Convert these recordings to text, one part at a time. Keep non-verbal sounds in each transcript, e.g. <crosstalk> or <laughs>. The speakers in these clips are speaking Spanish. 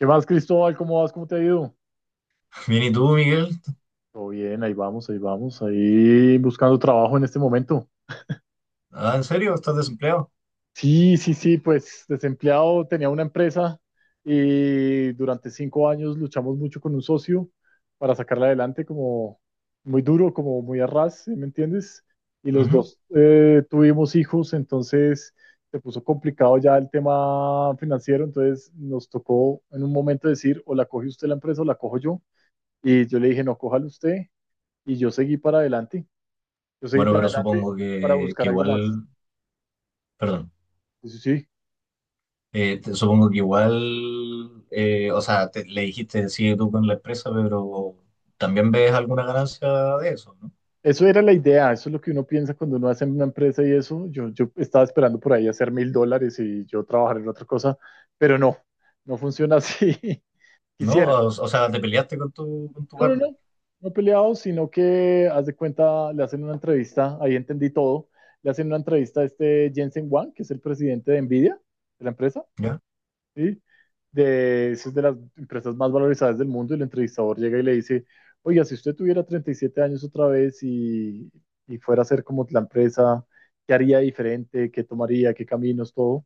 ¿Qué más, Cristóbal? ¿Cómo vas? ¿Cómo te ha ido? Bien, ¿y tú, Miguel? Todo bien, ahí vamos, ahí vamos, ahí buscando trabajo en este momento. Ah, ¿en serio? ¿Estás desempleado? Sí, sí, sí, pues desempleado, tenía una empresa y durante 5 años luchamos mucho con un socio para sacarla adelante como muy duro, como muy a ras, ¿sí? ¿Me entiendes? Y los Ujú. dos tuvimos hijos, entonces se puso complicado ya el tema financiero, entonces nos tocó en un momento decir, o la coge usted la empresa o la cojo yo. Y yo le dije, no, cójala usted. Y yo seguí para adelante, yo seguí Bueno, para pero adelante supongo para que buscar algo más. igual, perdón. Eso sí, Supongo que igual, o sea, le dijiste, sigue tú con la empresa, pero también ves alguna ganancia de eso, ¿no? eso era la idea, eso es lo que uno piensa cuando uno hace una empresa y eso. Yo estaba esperando por ahí hacer $1,000 y yo trabajar en otra cosa, pero no, no funciona así. <laughs> ¿No? Quisiera. O sea, te peleaste con tu No, no, partner, no, no peleado, sino que, haz de cuenta, le hacen una entrevista, ahí entendí todo, le hacen una entrevista a este Jensen Huang, que es el presidente de Nvidia, de la empresa, ¿ya? ¿sí? De, es de las empresas más valorizadas del mundo y el entrevistador llega y le dice, oiga, si usted tuviera 37 años otra vez y fuera a ser como la empresa, ¿qué haría diferente? ¿Qué tomaría? ¿Qué caminos? Todo.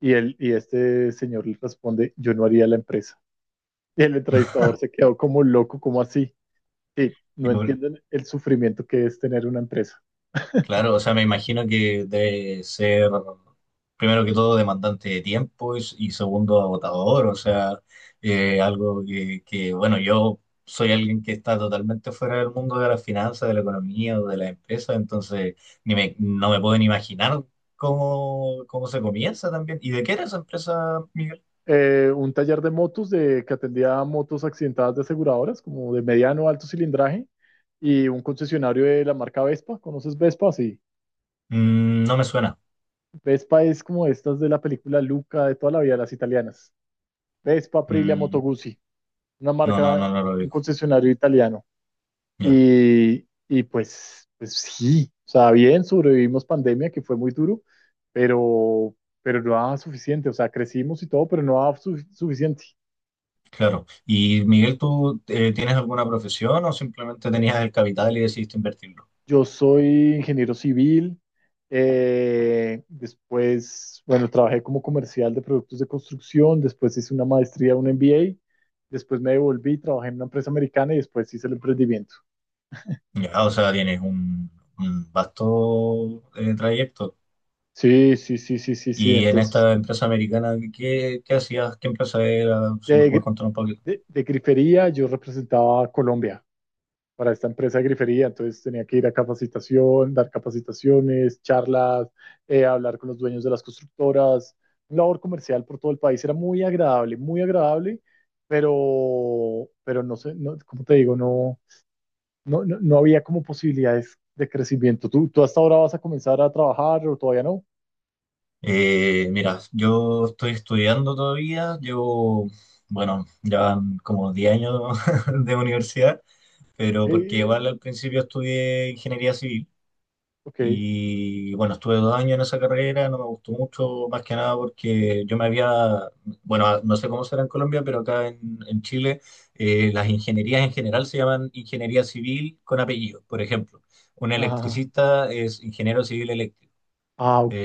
Y este señor le responde, yo no haría la empresa. Y el entrevistador se quedó como loco, como así. Sí, no entienden el sufrimiento que es tener una empresa. Claro, o sea, me imagino que debe ser, primero que todo, demandante de tiempo y segundo, agotador, o sea, algo que, bueno, yo soy alguien que está totalmente fuera del mundo de las finanzas, de la economía o de la empresa, entonces ni me, no me puedo ni imaginar cómo se comienza también. ¿Y de qué era esa empresa, Miguel? Un taller de motos de, que atendía a motos accidentadas de aseguradoras, como de mediano alto cilindraje, y un concesionario de la marca Vespa. ¿Conoces Vespa? Sí. Mm, no me suena. Vespa es como estas de la película Luca de toda la vida, las italianas. Vespa, Aprilia, Moto Mm, Guzzi, una no, no, no, marca, no lo un digo. concesionario italiano. Ya. Y pues, sí, o sea, bien, sobrevivimos pandemia, que fue muy duro, pero, pero no daba suficiente, o sea, crecimos y todo, pero no daba suficiente. Claro. Y Miguel, ¿tú tienes alguna profesión o simplemente tenías el capital y decidiste invertirlo? Yo soy ingeniero civil. Después, bueno, trabajé como comercial de productos de construcción. Después hice una maestría, un MBA. Después me devolví, trabajé en una empresa americana y después hice el emprendimiento. Ya, o sea, tienes un vasto trayecto. Sí, sí, sí, sí, sí, sí. Y en Entonces, esta empresa americana, ¿qué hacías? ¿Qué empresa era? Si me de, puedes gri- contar un poquito. de grifería yo representaba a Colombia para esta empresa de grifería, entonces tenía que ir a capacitación, dar capacitaciones, charlas, hablar con los dueños de las constructoras, labor comercial por todo el país, era muy agradable, pero, no sé, no, como te digo, no, no, no, no había como posibilidades de crecimiento. ¿Tú, tú hasta ahora vas a comenzar a trabajar o todavía no? Mira, yo estoy estudiando todavía, llevo, bueno, ya van como 10 años <laughs> de universidad, pero porque Eh, igual al principio estudié ingeniería civil. ok, Y bueno, estuve 2 años en esa carrera, no me gustó mucho, más que nada porque yo me había, bueno, ah, no sé cómo será en Colombia, pero acá en Chile las ingenierías en general se llaman ingeniería civil con apellido. Por ejemplo, un ajá, electricista es ingeniero civil eléctrico. ah, ok,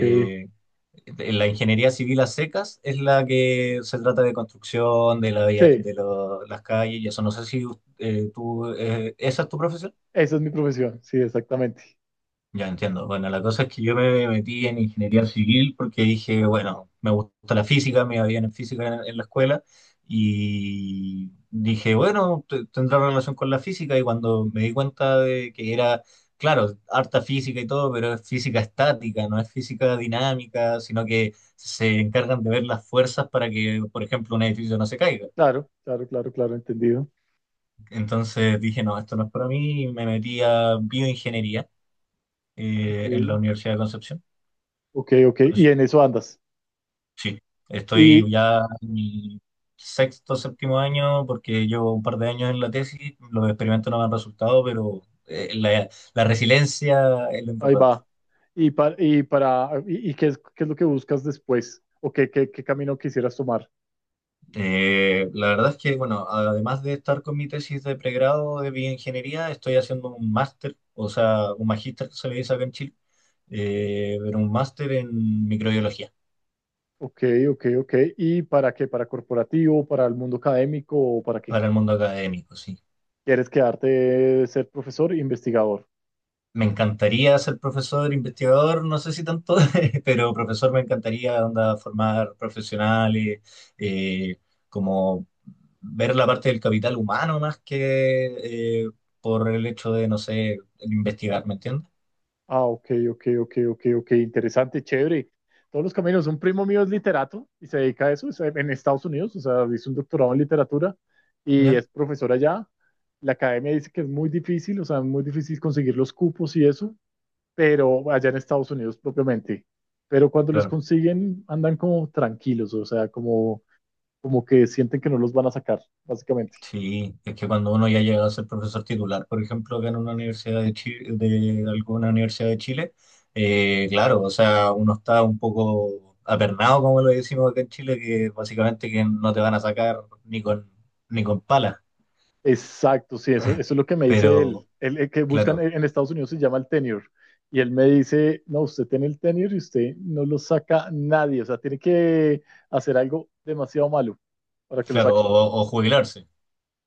La ingeniería civil a secas es la que se trata de construcción de la vía- sí, de lo- las calles y eso. No sé si tú, ¿esa es tu profesión? esa es mi profesión, sí, exactamente. Ya entiendo. Bueno, la cosa es que yo me metí en ingeniería civil porque dije, bueno, me gusta la física, me iba bien en física en la escuela y dije, bueno, tendrá relación con la física y cuando me di cuenta de que era, claro, harta física y todo, pero es física estática, no es física dinámica, sino que se encargan de ver las fuerzas para que, por ejemplo, un edificio no se caiga. Claro, claro, claro, claro, entendido. Entonces dije, no, esto no es para mí y me metí a bioingeniería Ok. En la Universidad de Concepción. Ok, ok, Bueno, y en eso andas. sí, estoy Y ya en mi sexto, séptimo año, porque llevo un par de años en la tesis, los experimentos no me han resultado, pero la resiliencia es lo ahí importante. va. Y para y qué es lo que buscas después? ¿O qué, qué, qué camino quisieras tomar? La verdad es que, bueno, además de estar con mi tesis de pregrado de bioingeniería, estoy haciendo un máster, o sea, un magíster que se le dice acá en Chile, pero un máster en microbiología Ok, ok, ok. ¿Y para qué? ¿Para corporativo, para el mundo académico o para qué? para el mundo académico, sí. ¿Quieres quedarte ser profesor e investigador? Me encantaría ser profesor, investigador, no sé si tanto, <laughs> pero profesor me encantaría onda, formar profesionales, eh, como ver la parte del capital humano más que por el hecho de, no sé, investigar, ¿me entiendes? Ah, ok, ok, ok, ok, ok, interesante, chévere. Todos los caminos. Un primo mío es literato y se dedica a eso, es en Estados Unidos, o sea, hizo un doctorado en literatura y ¿Ya? es profesor allá. La academia dice que es muy difícil, o sea, muy difícil conseguir los cupos y eso, pero allá en Estados Unidos propiamente. Pero cuando los Claro. consiguen, andan como tranquilos, o sea, como, como que sienten que no los van a sacar, básicamente. Sí, es que cuando uno ya llega a ser profesor titular, por ejemplo, que en una universidad de Chile, de alguna universidad de Chile, claro, o sea, uno está un poco apernado, como lo decimos acá en Chile, que básicamente que no te van a sacar ni con pala, Exacto, sí, eso es lo que me dice él. pero Él el que buscan claro, en Estados Unidos se llama el tenure. Y él me dice, no, usted tiene el tenure y usted no lo saca nadie. O sea, tiene que hacer algo demasiado malo para que lo claro, saque. o jubilarse.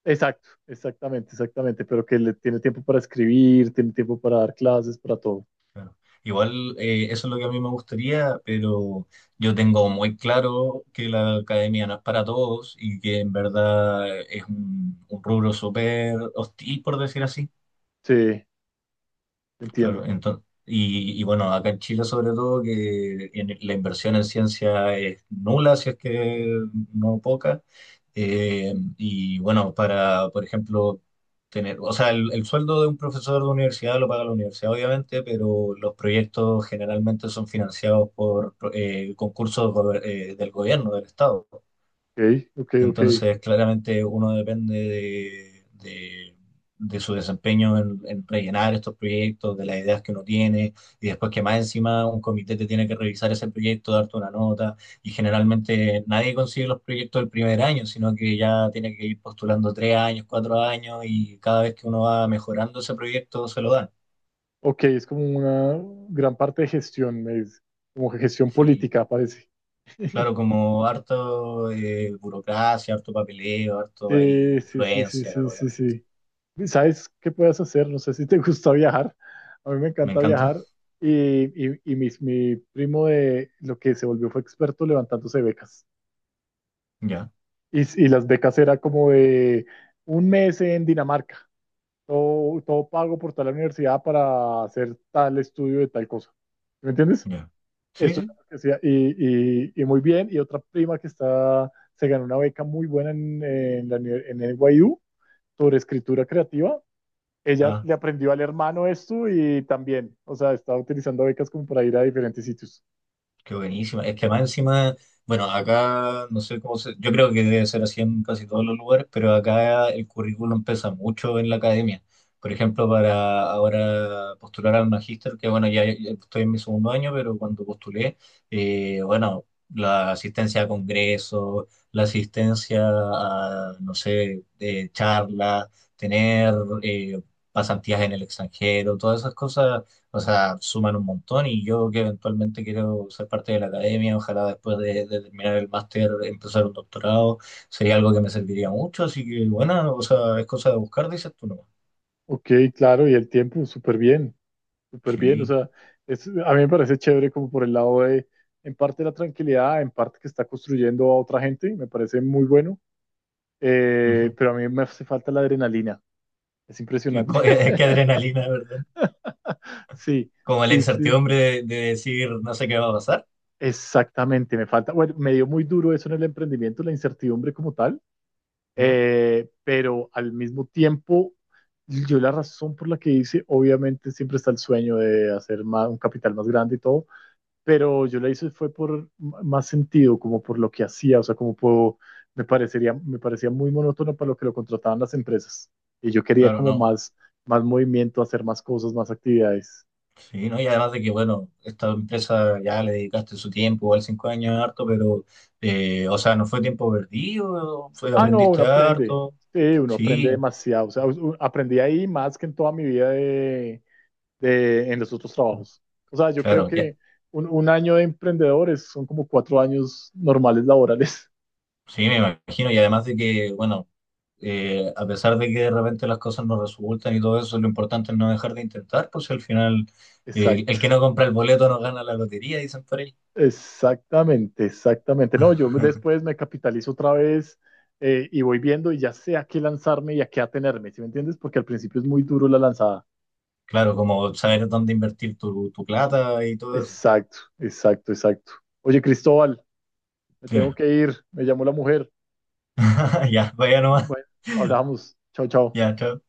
Exacto, exactamente, exactamente. Pero que le tiene tiempo para escribir, tiene tiempo para dar clases, para todo. Claro. Igual eso es lo que a mí me gustaría, pero yo tengo muy claro que la academia no es para todos y que en verdad es un rubro súper hostil, por decir así. Sí, Claro, entiendo. entonces, y bueno, acá en Chile sobre todo que la inversión en ciencia es nula, si es que no poca. Y bueno, para, por ejemplo, tener, o sea, el sueldo de un profesor de universidad lo paga la universidad, obviamente, pero los proyectos generalmente son financiados por concursos del gobierno, del Estado. Ok, ok, ok. Entonces, claramente uno depende de su desempeño en, rellenar estos proyectos, de las ideas que uno tiene, y después que más encima un comité te tiene que revisar ese proyecto, darte una nota, y generalmente nadie consigue los proyectos el primer año, sino que ya tiene que ir postulando 3 años, 4 años, y cada vez que uno va mejorando ese proyecto se lo dan. Ok, es como una gran parte de gestión, me dice. Como gestión Sí, política, parece. claro, <laughs> como harto burocracia, harto papeleo, harto ahí Sí, sí, sí, sí, influencia, sí, sí, obviamente. sí. ¿Sabes qué puedes hacer? No sé si te <laughs> gusta viajar. A mí me Me encanta encanta, viajar y mi primo de lo que se volvió fue experto levantándose becas. ya. Y las becas era como de un mes en Dinamarca, todo, todo pago por tal universidad para hacer tal estudio de tal cosa. ¿Me entiendes? Ya. Sí, Eso es sí. lo que hacía. Y muy bien. Y otra prima que está, se ganó una beca muy buena en, en NYU sobre escritura creativa ella Ah, le aprendió al hermano esto y también, o sea, estaba utilizando becas como para ir a diferentes sitios. qué buenísima. Es que más encima, bueno, acá no sé cómo se, yo creo que debe ser así en casi todos los lugares, pero acá el currículum pesa mucho en la academia. Por ejemplo, para ahora postular al magíster, que bueno, ya estoy en mi segundo año, pero cuando postulé, bueno, la asistencia a congresos, la asistencia a, no sé, charlas, tener eh, pasantías en el extranjero, todas esas cosas. O sea, suman un montón y yo que eventualmente quiero ser parte de la academia, ojalá después de terminar el máster empezar un doctorado, sería algo que me serviría mucho, así que bueno, o sea, es cosa de buscar, dices tú, ¿no? Ok, claro, y el tiempo, súper bien, o Sí. sea, es, a mí me parece chévere como por el lado de, en parte la tranquilidad, en parte que está construyendo a otra gente, me parece muy bueno, Ujú. Pero a mí me hace falta la adrenalina, es Y impresionante. cu- <laughs> Qué <laughs> adrenalina, ¿verdad? Sí, Como la sí, sí, incertidumbre de decir no sé qué va a pasar, exactamente, me falta, bueno, me dio muy duro eso en el emprendimiento, la incertidumbre como tal. ¿no? Pero al mismo tiempo, yo la razón por la que hice, obviamente siempre está el sueño de hacer más, un capital más grande y todo, pero yo la hice fue por más sentido, como por lo que hacía, o sea, como puedo, me parecería, me parecía muy monótono para lo que lo contrataban las empresas. Y yo quería Claro, como no. más, más movimiento, hacer más cosas, más actividades. Sí, ¿no? Y además de que, bueno, esta empresa ya le dedicaste su tiempo, igual 5 años es harto, pero, o sea, no fue tiempo perdido, fue, Ah, no, uno aprendiste aprende. harto, Sí, uno aprende sí. demasiado. O sea, aprendí ahí más que en toda mi vida de, en los otros trabajos. O sea, yo creo Claro, que un año de emprendedores son como 4 años normales laborales. sí, me imagino. Y además de que, bueno, a pesar de que de repente las cosas no resultan y todo eso, lo importante es no dejar de intentar, pues si al final <laughs> Exacto, el que no compra el boleto no gana la lotería, dicen por ahí. exactamente, exactamente. No, yo <laughs> después me capitalizo otra vez y voy viendo y ya sé a qué lanzarme y a qué atenerme, ¿sí me entiendes? Porque al principio es muy duro la lanzada. Claro, como saber dónde invertir tu plata y todo eso. Exacto, exacto, exacto. Oye, Cristóbal, me tengo Dime. que ir, me llamó la mujer. <laughs> Ya, vaya nomás. Bueno, hablamos. Chao, chao. Ya, chao.